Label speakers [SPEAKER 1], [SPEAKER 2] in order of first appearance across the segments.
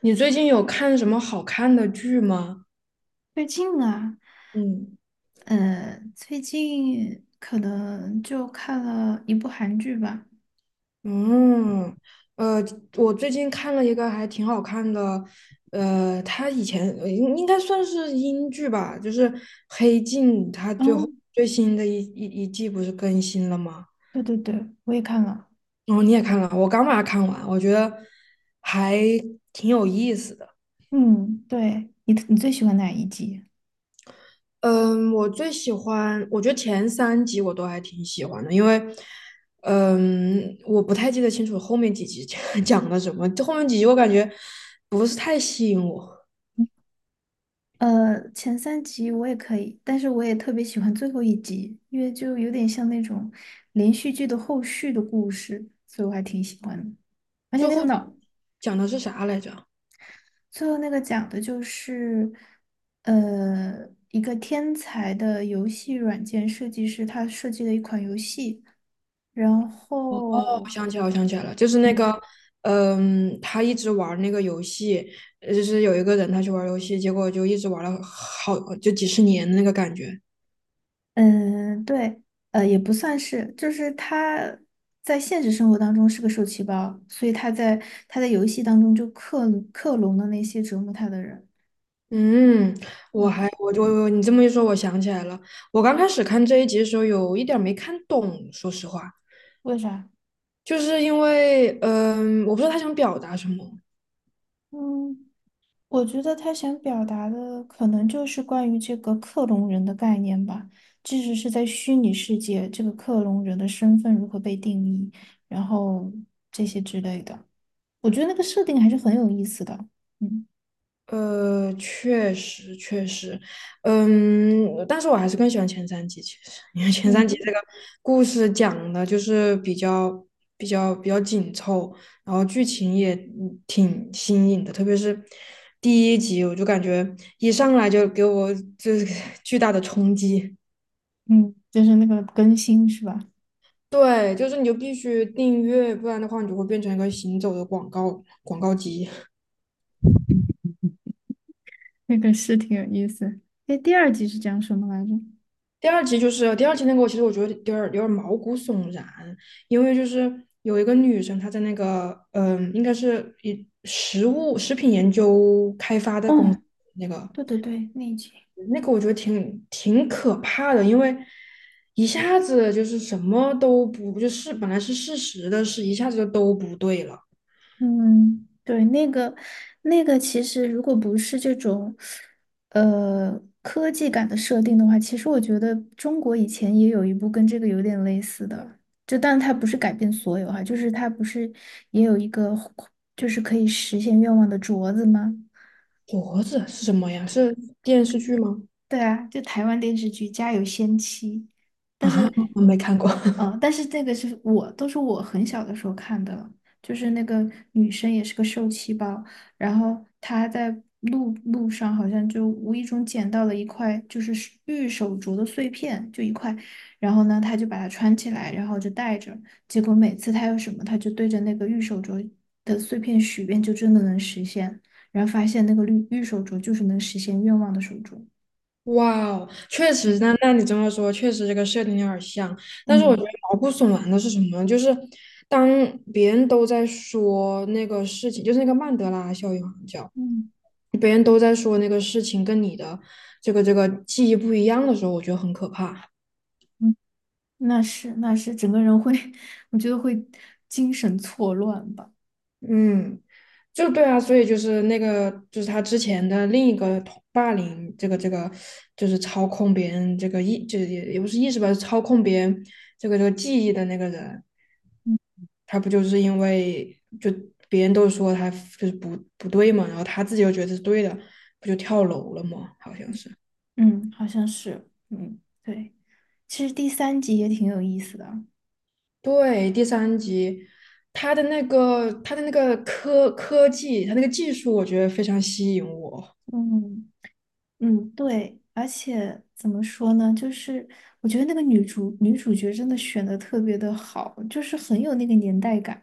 [SPEAKER 1] 你最近有看什么好看的剧吗？
[SPEAKER 2] 最近啊，
[SPEAKER 1] 嗯，
[SPEAKER 2] 最近可能就看了一部韩剧吧。
[SPEAKER 1] 嗯，呃，我最近看了一个还挺好看的，它以前应该算是英剧吧，就是《黑镜》，它
[SPEAKER 2] 哦，
[SPEAKER 1] 最后最新的一季不是更新了吗？
[SPEAKER 2] 对对对，我也看了。
[SPEAKER 1] 然后你也看了，我刚把它看完，我觉得还挺有意思的。
[SPEAKER 2] 嗯，对，你最喜欢哪一集？
[SPEAKER 1] 嗯，我最喜欢，我觉得前三集我都还挺喜欢的，因为，我不太记得清楚后面几集 讲了什么，这后面几集我感觉不是太吸引我。
[SPEAKER 2] 前三集我也可以，但是我也特别喜欢最后一集，因为就有点像那种连续剧的后续的故事，所以我还挺喜欢的。而且
[SPEAKER 1] 最
[SPEAKER 2] 那个
[SPEAKER 1] 后
[SPEAKER 2] 脑，
[SPEAKER 1] 讲的是啥来着？哦，
[SPEAKER 2] 最后那个讲的就是，一个天才的游戏软件设计师，他设计了一款游戏，然
[SPEAKER 1] 我
[SPEAKER 2] 后，
[SPEAKER 1] 想起来，我想起来了，就是那个，他一直玩那个游戏，就是有一个人他去玩游戏，结果就一直玩了好就几十年的那个感觉。
[SPEAKER 2] 嗯，对，也不算是，就是他在现实生活当中是个受气包，所以他在游戏当中就克隆了那些折磨他的人。
[SPEAKER 1] 嗯，我
[SPEAKER 2] 嗯，
[SPEAKER 1] 还我就，你这么一说，我想起来了。我刚开始看这一集的时候，有一点儿没看懂，说实话，
[SPEAKER 2] 为啥？
[SPEAKER 1] 就是因为，我不知道他想表达什么。
[SPEAKER 2] 嗯。我觉得他想表达的可能就是关于这个克隆人的概念吧，即使是在虚拟世界，这个克隆人的身份如何被定义，然后这些之类的，我觉得那个设定还是很有意思的。嗯
[SPEAKER 1] 确实确实，嗯，但是我还是更喜欢前三集，其实因为前三集这
[SPEAKER 2] 嗯，
[SPEAKER 1] 个故事讲的就是比较紧凑，然后剧情也挺新颖的，特别是第一集，我就感觉一上来就给我就是 巨大的冲击。
[SPEAKER 2] 嗯，就是那个更新是吧？
[SPEAKER 1] 对，就是你就必须订阅，不然的话你就会变成一个行走的广告机。
[SPEAKER 2] 那个是挺有意思。那第二集是讲什么来着？
[SPEAKER 1] 第二集就是第二集那个，其实我觉得有点毛骨悚然，因为就是有一个女生，她在那个应该是一食品研究开发的公司，
[SPEAKER 2] 哦，
[SPEAKER 1] 那个
[SPEAKER 2] 对对对，那一集。
[SPEAKER 1] 那个我觉得挺可怕的，因为一下子就是什么都不就是本来是事实的事，一下子就都不对了。
[SPEAKER 2] 嗯，对，那个，其实如果不是这种科技感的设定的话，其实我觉得中国以前也有一部跟这个有点类似的，就但它不是改变所有哈、就是它不是也有一个就是可以实现愿望的镯子吗？
[SPEAKER 1] 脖子是什么呀？是电视剧吗？
[SPEAKER 2] 对啊，就台湾电视剧《家有仙妻》，但
[SPEAKER 1] 啊，
[SPEAKER 2] 是，
[SPEAKER 1] 我没看过。
[SPEAKER 2] 嗯、但是这个是我都是我很小的时候看的了，就是那个女生也是个受气包，然后她在路上好像就无意中捡到了一块就是是玉手镯的碎片，就一块，然后呢，她就把它穿起来，然后就戴着，结果每次她有什么，她就对着那个玉手镯的碎片许愿，就真的能实现，然后发现那个绿玉手镯就是能实现愿望的手镯。
[SPEAKER 1] 哇哦，确
[SPEAKER 2] 嗯。
[SPEAKER 1] 实，那你这么说，确实这个设定有点像。但是我觉得
[SPEAKER 2] 嗯
[SPEAKER 1] 毛骨悚然的是什么呢？就是当别人都在说那个事情，就是那个曼德拉效应好像叫，
[SPEAKER 2] 嗯
[SPEAKER 1] 别人都在说那个事情跟你的这个记忆不一样的时候，我觉得很可怕。
[SPEAKER 2] 嗯，那是那是，整个人会，我觉得会精神错乱吧。
[SPEAKER 1] 嗯，就对啊，所以就是那个就是他之前的另一个同霸凌，这个就是操控别人这个意，就是也不是意识吧，是操控别人这个记忆的那个人。他不就是因为就别人都说他就是不对嘛，然后他自己又觉得是对的，不就跳楼了吗？好像是。
[SPEAKER 2] 嗯，好像是，嗯，对。其实第三集也挺有意思的。
[SPEAKER 1] 对，第三集，他的那个科技，他那个技术，我觉得非常吸引我，
[SPEAKER 2] 嗯嗯，对，而且怎么说呢，就是我觉得那个女主角真的选的特别的好，就是很有那个年代感。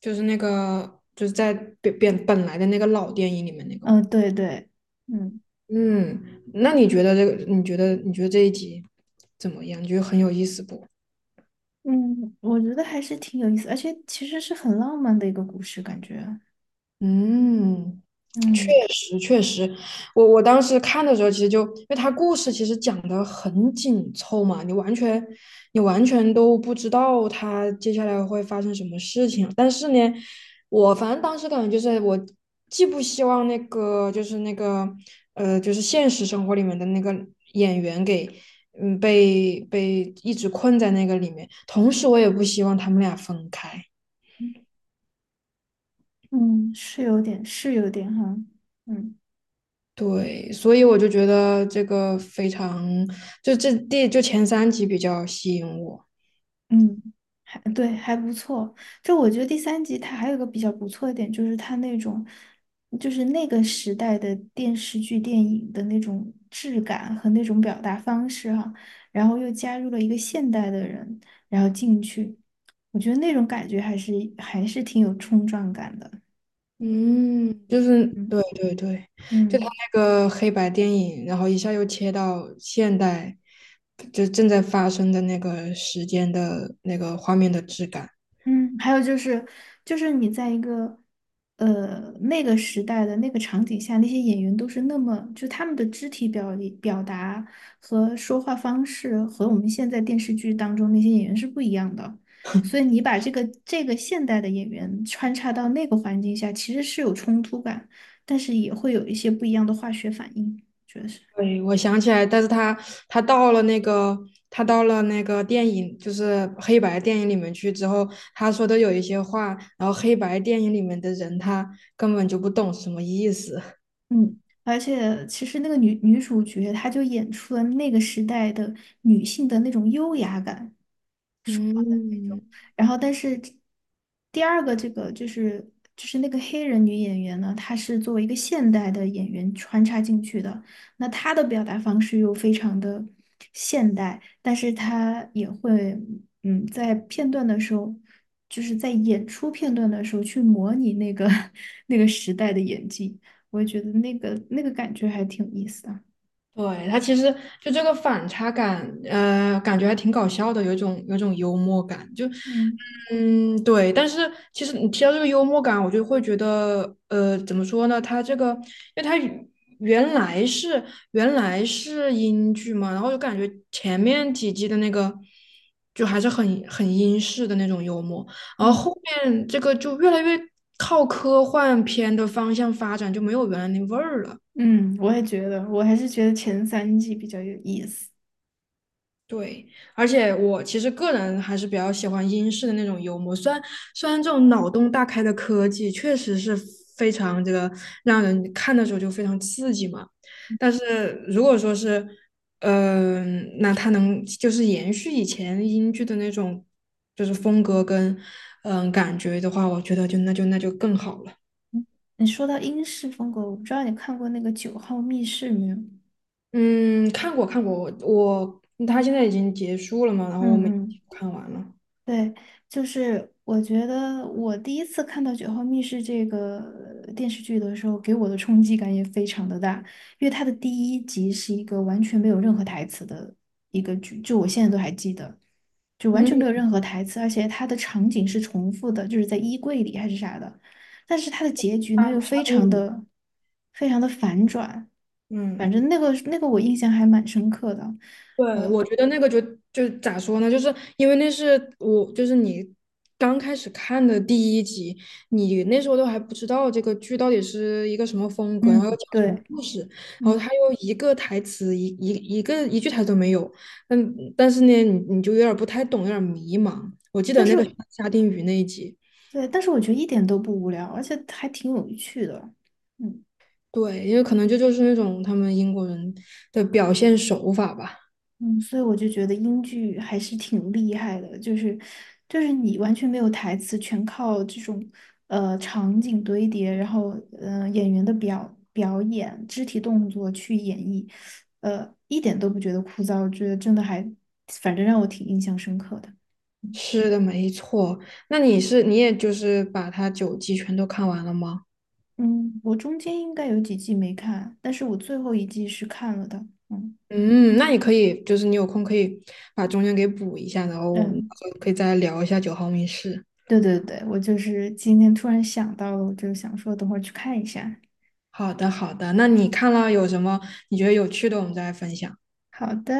[SPEAKER 1] 就是那个就是在本来的那个老电影里面那个
[SPEAKER 2] 嗯、
[SPEAKER 1] 嘛。
[SPEAKER 2] 对对，嗯
[SPEAKER 1] 嗯，那你觉得这个？你觉得这一集怎么样？你觉得很有意思不？
[SPEAKER 2] 嗯，我觉得还是挺有意思，而且其实是很浪漫的一个故事，感觉。
[SPEAKER 1] 嗯，确
[SPEAKER 2] 嗯。
[SPEAKER 1] 实，确实，我当时看的时候，其实就因为它故事其实讲的很紧凑嘛，你完全都不知道它接下来会发生什么事情。但是呢，我反正当时感觉就是我既不希望那个就是那个就是现实生活里面的那个演员给被一直困在那个里面，同时我也不希望他们俩分开。
[SPEAKER 2] 嗯，是有点，是有点哈，嗯
[SPEAKER 1] 对，所以我就觉得这个非常，就这第就前三集比较吸引我，
[SPEAKER 2] 嗯，还对，还不错。就我觉得第三集它还有个比较不错的点，就是它那种，就是那个时代的电视剧、电影的那种质感和那种表达方式哈，然后又加入了一个现代的人，然后进去，我觉得那种感觉还是挺有冲撞感的。
[SPEAKER 1] 嗯，就是
[SPEAKER 2] 嗯
[SPEAKER 1] 对对对，就他
[SPEAKER 2] 嗯。
[SPEAKER 1] 那个黑白电影，然后一下又切到现代，就正在发生的那个时间的那个画面的质感。
[SPEAKER 2] 嗯，还有就是，就是你在一个那个时代的那个场景下，那些演员都是那么，就他们的肢体表达和说话方式和我们现在电视剧当中那些演员是不一样的，所以你把这个现代的演员穿插到那个环境下，其实是有冲突感，但是也会有一些不一样的化学反应，觉得是。
[SPEAKER 1] 对，我想起来，但是他到了那个他到了那个电影，就是黑白电影里面去之后，他说的有一些话，然后黑白电影里面的人他根本就不懂什么意思。
[SPEAKER 2] 嗯，而且其实那个女主角，她就演出了那个时代的女性的那种优雅感。
[SPEAKER 1] 嗯，
[SPEAKER 2] 然后但是第二个这个就是那个黑人女演员呢，她是作为一个现代的演员穿插进去的，那她的表达方式又非常的现代，但是她也会嗯在片段的时候。就是在演出片段的时候去模拟那个 那个时代的演技，我也觉得那个感觉还挺有意思的。
[SPEAKER 1] 对，他其实就这个反差感，感觉还挺搞笑的，有一种幽默感，
[SPEAKER 2] 嗯
[SPEAKER 1] 嗯，对。但是其实你提到这个幽默感，我就会觉得，怎么说呢？他这个，因为他原来是原来是英剧嘛，然后就感觉前面几季的那个就还是很英式的那种幽默，然后
[SPEAKER 2] 嗯
[SPEAKER 1] 后面这个就越来越靠科幻片的方向发展，就没有原来那味儿了。
[SPEAKER 2] 嗯，我也觉得，我还是觉得前三季比较有意思。
[SPEAKER 1] 对，而且我其实个人还是比较喜欢英式的那种幽默，虽然这种脑洞大开的科技确实是非常这个让人看的时候就非常刺激嘛，但是如果说是，那它能就是延续以前英剧的那种就是风格跟感觉的话，我觉得就更好了。
[SPEAKER 2] 你说到英式风格，我不知道你看过那个《九号密室》没有？
[SPEAKER 1] 嗯，看过看过，他现在已经结束了嘛，然后我
[SPEAKER 2] 嗯
[SPEAKER 1] 们
[SPEAKER 2] 嗯，
[SPEAKER 1] 看完了。
[SPEAKER 2] 对，就是我觉得我第一次看到《九号密室》这个电视剧的时候，给我的冲击感也非常的大，因为它的第一集是一个完全没有任何台词的一个剧，就我现在都还记得，就完全没
[SPEAKER 1] 嗯，
[SPEAKER 2] 有任何台词，而且它的场景是重复的，就是在衣柜里还是啥的，但是它的结局呢
[SPEAKER 1] 他
[SPEAKER 2] 又
[SPEAKER 1] 刷
[SPEAKER 2] 非常
[SPEAKER 1] 屏
[SPEAKER 2] 的非常的反转。反
[SPEAKER 1] 嗯。
[SPEAKER 2] 正那个我印象还蛮深刻的。
[SPEAKER 1] 对，我觉得那个就咋说呢？就是因为那是我，就是你刚开始看的第一集，你那时候都还不知道这个剧到底是一个什么风格，然后要
[SPEAKER 2] 嗯，
[SPEAKER 1] 讲什么
[SPEAKER 2] 对，
[SPEAKER 1] 故事，然后
[SPEAKER 2] 嗯，
[SPEAKER 1] 他又一个台词一一一个一句台词都没有，嗯，但是呢，你就有点儿不太懂，有点儿迷茫。我记
[SPEAKER 2] 但
[SPEAKER 1] 得那个
[SPEAKER 2] 是
[SPEAKER 1] 沙丁鱼那一集，
[SPEAKER 2] 对，但是我觉得一点都不无聊，而且还挺有趣的。嗯
[SPEAKER 1] 对，因为可能这就是那种他们英国人的表现手法吧。
[SPEAKER 2] 嗯，所以我就觉得英剧还是挺厉害的，就是你完全没有台词，全靠这种场景堆叠，然后嗯演员的表演、肢体动作去演绎，一点都不觉得枯燥，我觉得真的还反正让我挺印象深刻的。
[SPEAKER 1] 是的，没错。那你也就是把它九季全都看完了吗？
[SPEAKER 2] 嗯，我中间应该有几季没看，但是我最后一季是看了的。嗯
[SPEAKER 1] 嗯，那你可以就是你有空可以把中间给补一下，然后我们
[SPEAKER 2] 嗯，
[SPEAKER 1] 到时候可以再聊一下《九号密室》。
[SPEAKER 2] 对对对，我就是今天突然想到了，我就想说等会儿去看一下。
[SPEAKER 1] 好的，好的。那你看了有什么你觉得有趣的，我们再来分享。
[SPEAKER 2] 好的。